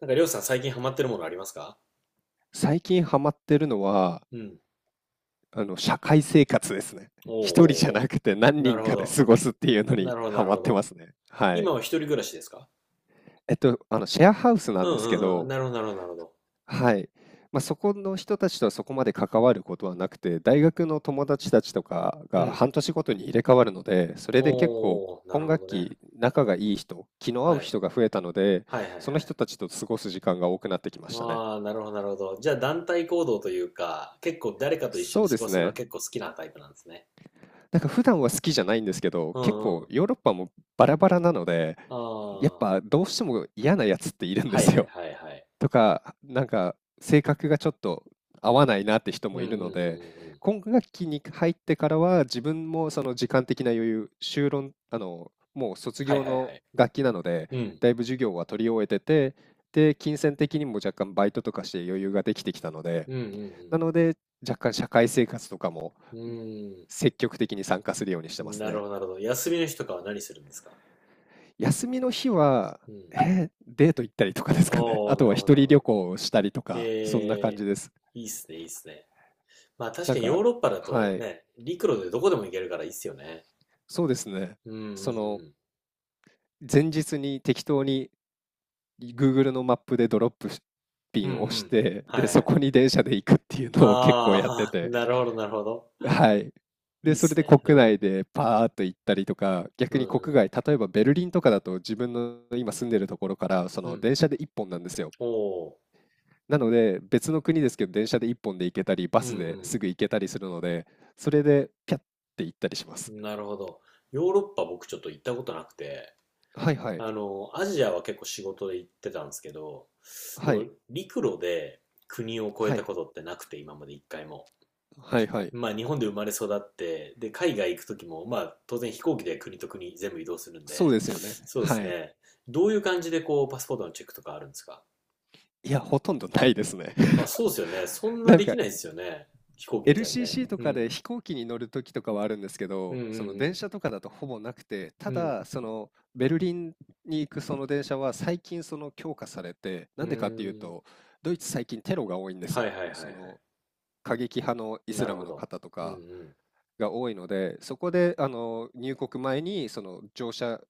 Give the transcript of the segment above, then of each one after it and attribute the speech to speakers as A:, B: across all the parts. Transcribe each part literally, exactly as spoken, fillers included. A: なんか、りょうさん最近ハマってるものありますか？
B: 最近ハマってるのは、
A: うん。
B: あの、社会生活ですね。
A: おう
B: 一人じゃ
A: おうお
B: なくて
A: う。
B: 何
A: な
B: 人
A: るほ
B: かで
A: ど。
B: 過ごすっていうの
A: な
B: に
A: るほど、な
B: ハ
A: る
B: マっ
A: ほ
B: てま
A: ど。
B: すね。はい。
A: 今は一人暮らしですか？
B: えっと、あの、シェアハウスな
A: う
B: んで
A: んう
B: すけ
A: んうん。
B: ど、
A: なるほど、なるほど、なるほど。
B: はい。まあ、そこの人たちとはそこまで関わることはなくて、大学の友達たちとか
A: う
B: が
A: ん。
B: はんとしごとに入れ替わるので、それで結構
A: おお、な
B: 今
A: るほ
B: 学
A: どね。
B: 期仲がいい人、気の合う
A: はい。
B: 人が増えたので、
A: はいはいはい。
B: その人たちと過ごす時間が多くなってきましたね。
A: ああ、なるほど、なるほど。じゃあ、団体行動というか、結構誰かと一緒
B: そ
A: に
B: うで
A: 過ご
B: す
A: すのは
B: ね。
A: 結構好きなタイプなんですね。
B: なんか普段は好きじゃないんですけど、
A: う
B: 結
A: ん
B: 構
A: うん。
B: ヨーロッパもバラバラなので、
A: あ
B: やっ
A: あ、
B: ぱどうしても嫌なやつっているんで
A: はい
B: す
A: はい
B: よ。
A: はいはい。
B: とか、なんか性格がちょっと合わないなって人
A: うん
B: も
A: う
B: い
A: ん
B: る
A: う
B: の
A: ん
B: で、
A: うん。
B: 今学期に入ってからは自分もその時間的な余裕、修論、あの、もう卒
A: はい
B: 業
A: はいは
B: の
A: い。
B: 学期なので、
A: うん。
B: だいぶ授業は取り終えてて、で、金銭的にも若干バイトとかして余裕ができてきたので、
A: うんう
B: な
A: ん
B: ので若干社会生活とかも
A: うん。
B: 積極的に参加するようにし
A: う
B: て
A: ー
B: ま
A: ん。
B: す
A: なる
B: ね。
A: ほど、なるほど。休みの日とかは何するんですか？
B: 休みの日は、
A: うん。
B: えーデート行ったりとかですかね。
A: お
B: あ
A: ー、な
B: とは
A: るほど、
B: 一
A: なる
B: 人
A: ほ
B: 旅
A: ど。
B: 行をしたりとか、そんな感
A: え
B: じです。
A: ー、いいっすね、いいっすね。まあ確
B: なん
A: かにヨ
B: か、
A: ーロッパだ
B: は
A: と
B: い、
A: ね、陸路でどこでも行けるからいいっすよね。
B: そうですね。
A: うんうんう
B: その、
A: ん。
B: 前日に適当に グーグル のマップでドロップピ
A: うんう
B: ンを押し
A: ん。
B: て、
A: は
B: で、そ
A: い。
B: こに電車で行くっていうのを結構やって
A: あー、
B: て、
A: なるほど、なるほど。
B: はい。
A: い
B: で、
A: いっ
B: それ
A: す
B: で
A: ね。う
B: 国
A: ん。
B: 内でパーっと行ったりとか、
A: う
B: 逆
A: ん
B: に
A: う
B: 国
A: ん。
B: 外、例えばベルリンとかだと自分の今住んでるところから、そ
A: う
B: の
A: ん。
B: 電車でいっぽんなんですよ。
A: おー。
B: なので、別の国ですけど、電車でいっぽんで行けたり、
A: う
B: バスで
A: ん
B: すぐ行けたりするので、それでピャッて行ったりしま
A: う
B: す。
A: ん。なるほど。ヨーロッパ僕ちょっと行ったことなくて、
B: はいはい。
A: あの、アジアは結構仕事で行ってたんですけど、で
B: は
A: も
B: い。
A: 陸路で国を越え
B: は
A: た
B: い。
A: ことってなくて、今まで一回も。
B: はいはい。
A: まあ日本で生まれ育って、で、海外行く時も、まあ当然飛行機で国と国全部移動するん
B: そう
A: で、
B: ですよね。
A: そうです
B: はい。
A: ね。どういう感じでこうパスポートのチェックとかあるんですか？
B: いや、ほとんどないですね。
A: あ、そうですよね。そんな
B: なん
A: でき
B: か、
A: ないですよね。飛行機みたいにね。
B: エルシーシー と
A: う
B: か
A: ん。
B: で飛行機に乗る時とかはあるんですけ
A: うん
B: ど、
A: う
B: その電
A: ん
B: 車とかだとほぼなくて、た
A: うん。うん。
B: だ、そのベルリンに行くその電車は最近その強化されて、
A: う
B: なんでかっていう
A: ーん。
B: と、ドイツ最近テロが多いんです
A: はいは
B: よ。
A: いはいは
B: そ
A: い。
B: の過激派のイス
A: な
B: ラ
A: るほ
B: ムの
A: ど。
B: 方と
A: うんう
B: か
A: ん。
B: が多いので、そこであの入国前にその乗車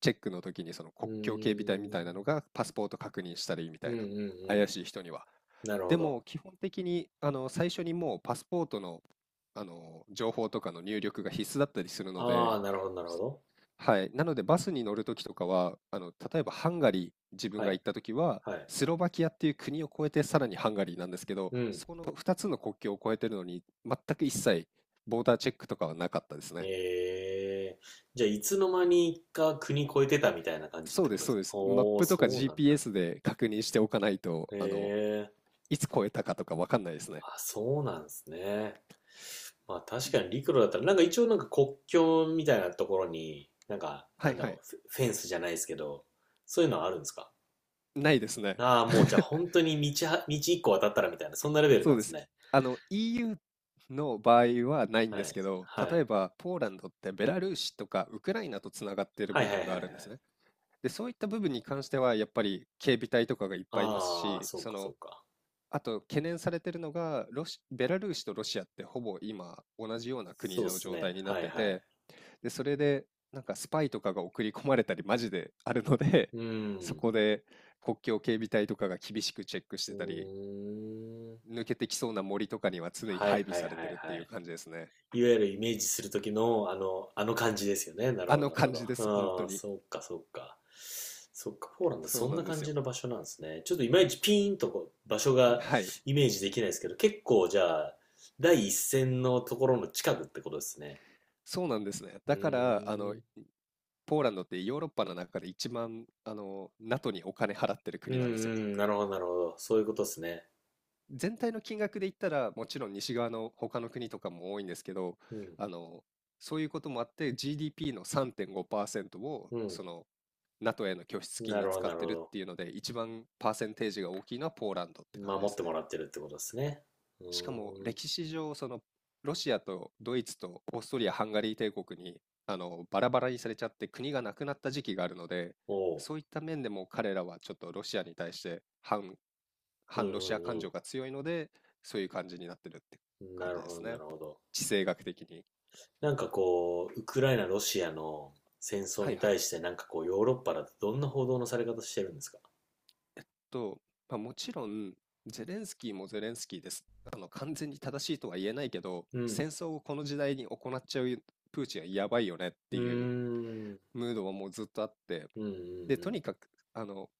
B: チェックの時にその
A: う
B: 国境警備隊み
A: ー
B: たい
A: ん。
B: なのがパスポート確認したりみた
A: う
B: い
A: んうん
B: な、
A: うん。
B: 怪しい人には。
A: なるほ
B: で
A: ど。
B: も基本的にあの最初にもうパスポートの、あの情報とかの入力が必須だったりするの
A: あ
B: で、
A: あ、なるほどなるほど。
B: はい。なのでバスに乗るときとかは、あの、例えばハンガリー、自分
A: は
B: が
A: い。
B: 行ったときは、
A: はい。
B: スロバキアっていう国を越えてさらにハンガリーなんですけど、
A: うん。
B: そこのふたつの国境を越えてるのに、全く一切ボーダーチェックとかはなかったですね。
A: ええ、じゃあいつの間にか国越えてたみたいな感じっ
B: そう
A: てこ
B: で
A: と
B: す、
A: で
B: そ
A: す
B: う
A: か？
B: です。マッ
A: おー、
B: プと
A: そ
B: か
A: うなんだ。
B: ジーピーエス で確認しておかないと、あの、
A: ええ、
B: いつ越えたかとかわかんないですね。
A: あ、そうなんですね。まあ確かに陸路だったら、なんか一応なんか国境みたいなところに、なんか、
B: は
A: な
B: い
A: んだ
B: は
A: ろう、
B: い。
A: フェフェンスじゃないですけど、そういうのはあるんですか？
B: ないですね。
A: ああー、もうじゃあ本当に道は、道一個渡ったらみたいな、そんなレベル
B: そ
A: なん
B: う
A: で
B: で
A: す
B: す。
A: ね。
B: あの、イーユー の場合はないん
A: は
B: です
A: い。
B: けど、
A: は
B: 例え
A: い。
B: ばポーランドってベラルーシとかウクライナとつながっている
A: はい
B: 部
A: はいは
B: 分
A: い
B: が
A: は
B: ある
A: い。
B: んですね。で、そういった部分に関しては、やっぱり警備隊とかがいっぱいいます
A: ああ、
B: し、
A: そう
B: そ
A: かそ
B: の、
A: うか。
B: あと懸念されてるのが、ロシ、ベラルーシとロシアってほぼ今同じような国
A: そうっ
B: の
A: す
B: 状
A: ね。
B: 態にな
A: は
B: っ
A: い
B: て
A: はい。
B: て、で、それでなんかスパイとかが送り込まれたりマジであるので、
A: う
B: そ
A: ん。
B: こで国境警備隊とかが厳しくチェックし
A: う
B: てたり、
A: ーん。
B: 抜けてきそうな森とかには常に
A: はい
B: 配備
A: はいはい
B: されてるって
A: は
B: いう
A: い。
B: 感じですね。
A: いわゆるイメージする時のあの、あの感じですよね。なる
B: あ
A: ほど
B: の
A: なるほ
B: 感じです、本
A: ど。
B: 当
A: うん、
B: に。
A: そっかそっか。そっか、ポーランド
B: そう
A: そん
B: な
A: な
B: んで
A: 感
B: す
A: じ
B: よ。
A: の場所なんですね。ちょっといまいちピーンとこう場所 が
B: はい。
A: イメージできないですけど、結構じゃあ、第一線のところの近くってことですね。
B: そうなんですね。
A: う
B: だから、あの、
A: ーん。
B: ポーランドってヨーロッパの中で一番あの NATO にお金払ってる
A: うん
B: 国
A: う
B: なんですよ。
A: ん、なるほどなるほど。そういうことですね。
B: 全体の金額で言ったらもちろん西側の他の国とかも多いんですけど、
A: うん、
B: あのそういうこともあって ジーディーピー のさんてんごパーセントを
A: う
B: その NATO への拠出
A: ん。
B: 金
A: な
B: に
A: るほど
B: 使
A: な
B: っ
A: る
B: てる
A: ほ
B: っていうので一番パーセンテージが大きいのはポーランドって
A: ど。
B: 感じ
A: 守
B: で
A: っ
B: す
A: ても
B: ね。
A: らってるってことですね。う
B: しかも
A: ーん。
B: 歴史上、そのロシアとドイツとオーストリア・ハンガリー帝国にあのバラバラにされちゃって国がなくなった時期があるので、
A: おう。
B: そういった面でも彼らはちょっとロシアに対して反、
A: うん
B: 反ロシア感
A: う
B: 情
A: ん
B: が強いので、そういう感じになってるって
A: うん。
B: 感
A: な
B: じ
A: る
B: で
A: ほど
B: す
A: な
B: ね。
A: るほど。
B: 地政学的に。
A: なんかこう、ウクライナ、ロシアの戦争
B: はい
A: に
B: はい。
A: 対してなんかこう、ヨーロッパだとどんな報道のされ方してるんですか？
B: と、まあ、もちろん、ゼレンスキーもゼレンスキーです。あの、完全に正しいとは言えないけど、
A: うん。
B: 戦争をこの時代に行っちゃうプーチンはやばいよねっ
A: う
B: て
A: ー
B: いう
A: ん。
B: ムードはもうずっとあって、
A: うんう
B: でと
A: ん
B: にかくあの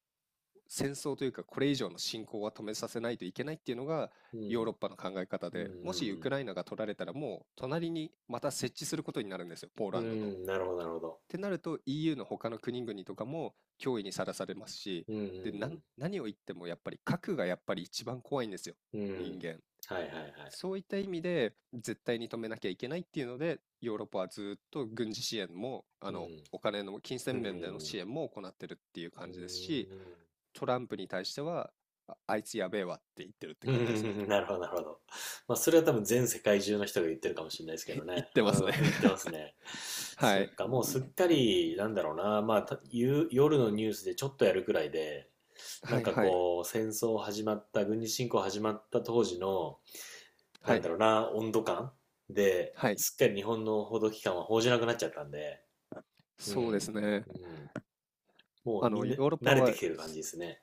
B: 戦争というかこれ以上の侵攻は止めさせないといけないっていうのが
A: う
B: ヨー
A: ん。
B: ロッパの考え方
A: うん。うん
B: で、も
A: う
B: しウク
A: ん
B: ライナが取られたらもう隣にまた設置することになるんですよ、ポー
A: う
B: ラ
A: ん。う
B: ンドの。っ
A: ん。なるほど、なるほど。
B: てなると イーユー の他の国々とかも脅威にさらされますし、
A: うんう
B: でなん
A: ん
B: 何を言ってもやっぱり核がやっぱり一番怖いんですよ
A: うん。うん。
B: 人間。
A: はいはいはい。
B: そういった意味で絶対に止めなきゃいけないっていうので、ヨーロッパはずっと軍事支援も、あの、お金の金
A: うん。
B: 銭
A: うんうんう
B: 面での支援
A: ん。
B: も行ってるっていう
A: うー
B: 感じですし、
A: ん。
B: トランプに対しては、あ、あいつやべえわって言ってるって
A: う
B: 感じですね。
A: ん。 なるほど、なるほど。まあ、それは多分全世界中の人が言ってるかもしれないです け
B: 言
A: ど
B: っ
A: ね。
B: て
A: う
B: ますね
A: ん、言ってます ね。
B: は
A: そっ
B: い。
A: か、もうすっかり、なんだろうな、まあ、た夕夜のニュースでちょっとやるくらいで、な
B: は
A: ん
B: い
A: か
B: はい。
A: こう、戦争始まった、軍事侵攻始まった当時の、な
B: は
A: んだ
B: い。
A: ろうな、温度感で、
B: はい。
A: すっかり日本の報道機関は報じなくなっちゃったんで、う
B: そうです
A: ん、
B: ね。
A: うん、もう
B: あ
A: み
B: の、
A: ん
B: ヨ
A: な
B: ーロッ
A: 慣
B: パ
A: れて
B: は
A: きてる感じですね。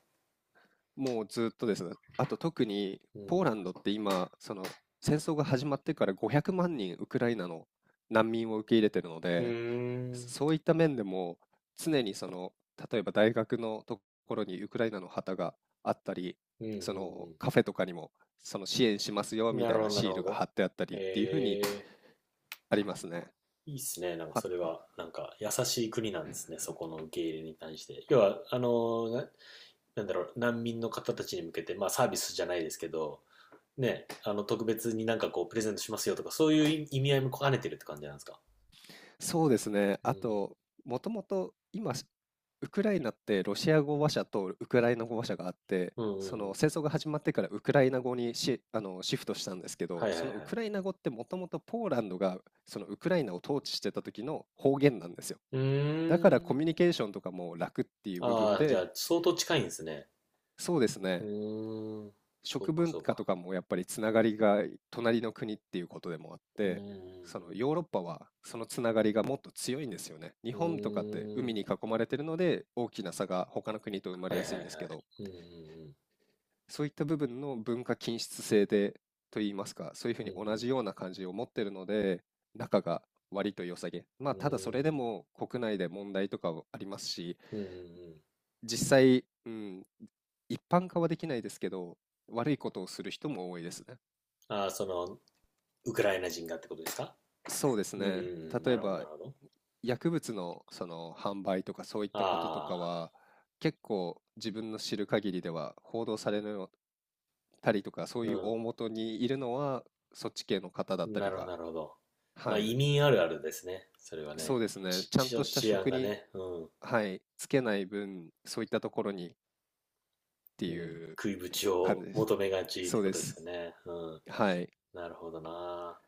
B: もうずっとですね。あと特に
A: う
B: ポー
A: ん、
B: ランドって今、その戦争が始まってからごひゃくまん人ウクライナの難民を受け入れてるの
A: うー
B: で、
A: ん、うん、
B: そういった面でも常にその例えば大学のところにウクライナの旗があったり、
A: うん、う
B: その
A: ん。
B: カフェとかにもその支援しますよみ
A: な
B: た
A: る
B: い
A: ほ
B: な
A: ど、な
B: シ
A: る
B: ー
A: ほ
B: ルが
A: ど。
B: 貼ってあったりっていうふう
A: え
B: に
A: え、
B: ありますね。
A: いいっすね。なんかそれ
B: あ、
A: は、なんか優しい国なんですね。そこの受け入れに対して。要は、あのな、なんだろう、難民の方たちに向けて、まあサービスじゃないですけど、ね、あの、特別になんかこう、プレゼントしますよとか、そういう意味合いも兼ねてるって感じなんですか？
B: そうですね。
A: う
B: あ
A: ん。
B: と、もともと今、ウクライナってロシア語話者とウクライナ語話者があって、
A: うんうん
B: そ
A: う
B: の
A: ん。
B: 戦争が始まってからウクライナ語にシ、あの、シフトしたんですけ
A: は
B: ど、
A: いはい
B: そ
A: はい。
B: のウクライナ語ってもともとポーランドがそのウクライナを統治してた時の方言なんですよ。
A: う
B: だからコミ
A: ー
B: ュニ
A: ん。
B: ケーションとかも楽っていう部分
A: ああ、じゃ
B: で、
A: あ、相当近いんですね。
B: そうです
A: う
B: ね。
A: ーん。そう
B: 食
A: か
B: 文
A: そう
B: 化と
A: か。
B: かもやっぱりつながりが隣の国っていうことでもあっ
A: うー
B: て、その
A: ん。
B: ヨーロッパはそのつながりがもっと強いんですよね。日
A: う
B: 本とかって
A: ー
B: 海
A: ん。
B: に囲まれてるので大きな差が他の国と生ま
A: は
B: れ
A: い
B: や
A: はい
B: す
A: は
B: いん
A: い。
B: ですけど、
A: うんうんうん。
B: そういった部分の文化均質性でといいますか、そういうふう
A: うんう
B: に同
A: ん
B: じような感じを持ってるので、仲が割と良さげ。ま
A: う
B: あただそれ
A: ん
B: でも国内で問題とかはありますし、
A: うんうん。
B: 実際、うん、一般化はできないですけど、悪いことをする人も多いですね。
A: ああ、その、ウクライナ人がってことですか？
B: そうです
A: うんうんう
B: ね。
A: ん、
B: 例
A: な
B: え
A: るほど、な
B: ば、
A: るほど。
B: 薬物のその販売とかそういったこととか
A: ああ、
B: は、結構自分の知る限りでは報道されるたりとか、そういう
A: う
B: 大元にいるのは、そっち系の方だっ
A: ん、
B: た
A: な
B: り
A: るほど、
B: が、
A: なるほど。まあ、
B: はい、
A: 移民あるあるですね。それは
B: そ
A: ね、
B: うですね。
A: ち、
B: ちゃんと
A: ち、
B: した
A: 治安
B: 職
A: が
B: に、
A: ね、うん、
B: はい、つけない分、そういったところにって
A: うん、
B: いう
A: 食いぶち
B: 感
A: を
B: じです。
A: 求めがちっ
B: そ
A: て
B: う
A: こ
B: で
A: とで
B: す。
A: すよね。うん、
B: はい。
A: なるほどな。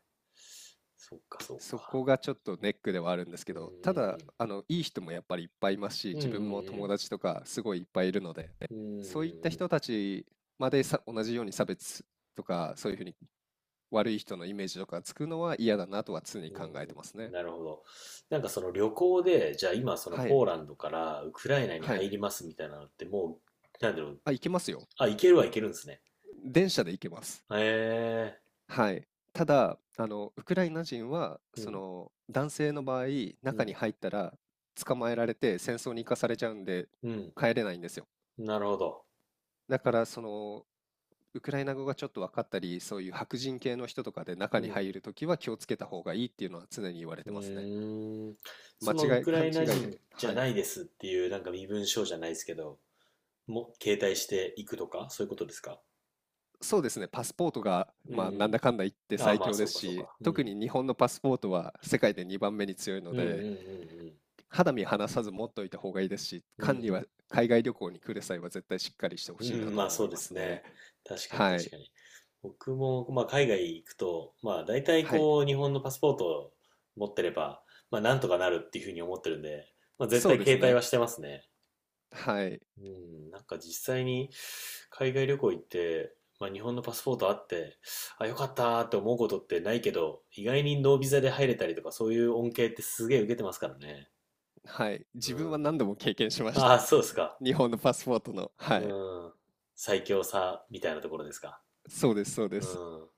A: そっか、そっ
B: そ
A: か。
B: こがちょっとネックではあるんです
A: う
B: けど、た
A: ん
B: だ、あの、いい人もやっぱりいっぱいいますし、
A: うんうん。
B: 自
A: うんう
B: 分も友
A: ん
B: 達とかすごいいっぱいいるので、
A: うん。うんうん
B: そういった
A: う
B: 人
A: ん。
B: たちまでさ、同じように差別とか、そういうふうに悪い人のイメージとかつくのは嫌だなとは常に
A: う
B: 考えてます
A: ん、
B: ね。
A: なるほど。なんかその旅行で、じゃあ今その
B: はい、
A: ポーランドからウクライナに
B: はい。
A: 入りますみたいなのってもう、なんだろう。
B: あ、行けますよ。
A: あ、行けるは行けるんですね。
B: 電車で行けます。
A: へえ。
B: はい。ただ、あの、ウクライナ人は、
A: う
B: そ
A: ん、
B: の、男性の場合、
A: う
B: 中
A: ん、
B: に入ったら捕まえられて戦争に行かされちゃうんで、
A: うん。
B: 帰れないんですよ。
A: なるほど。
B: だからそのウクライナ語がちょっと分かったり、そういう白人系の人とかで中
A: う
B: に
A: ん、
B: 入るときは気をつけた方がいいっていうのは常に言われ
A: う
B: て
A: ん。う
B: ますね。
A: ーん。
B: 間
A: そのウ
B: 違い、
A: クラ
B: 勘
A: イ
B: 違
A: ナ
B: い
A: 人
B: で。
A: じゃ
B: は
A: な
B: い。
A: いですっていう、なんか身分証じゃないですけど、も、携帯していくとか、そういうことですか？
B: そうですね、パスポートが、
A: うん、う
B: まあ、なん
A: ん。
B: だかんだ言って
A: ああ、
B: 最
A: まあ、
B: 強
A: そ
B: で
A: う
B: す
A: か、そう
B: し、
A: か。う
B: 特
A: ん。
B: に日本のパスポートは世界でにばんめに強いの
A: うん、う
B: で、
A: ん、
B: 肌身離さず持っといた方がいいですし、
A: うん、うん。う
B: 管に
A: ん。
B: は海外旅行に来る際は絶対しっかりしてほ
A: う
B: しいな
A: ん、
B: と
A: まあ
B: 思
A: そう
B: い
A: で
B: ます
A: す
B: ね。
A: ね。確かに
B: は
A: 確
B: い。
A: かに。僕も、まあ、海外行くと、まあ大体
B: はい。
A: こう日本のパスポートを持ってれば、まあなんとかなるっていうふうに思ってるんで、まあ絶
B: そう
A: 対
B: です
A: 携帯は
B: ね。
A: してますね。
B: はい。
A: うん、なんか実際に海外旅行行って、まあ日本のパスポートあって、あ、よかったーって思うことってないけど、意外にノービザで入れたりとかそういう恩恵ってすげえ受けてますからね。
B: はい。
A: う
B: 自分は
A: ん。
B: 何度も経験しまし
A: あ
B: た
A: あ、
B: ね。
A: そうです か。
B: 日本のパスポートの。は
A: う
B: い。
A: ん。最強さみたいなところですか。
B: そうですそうで
A: う
B: す。
A: ん。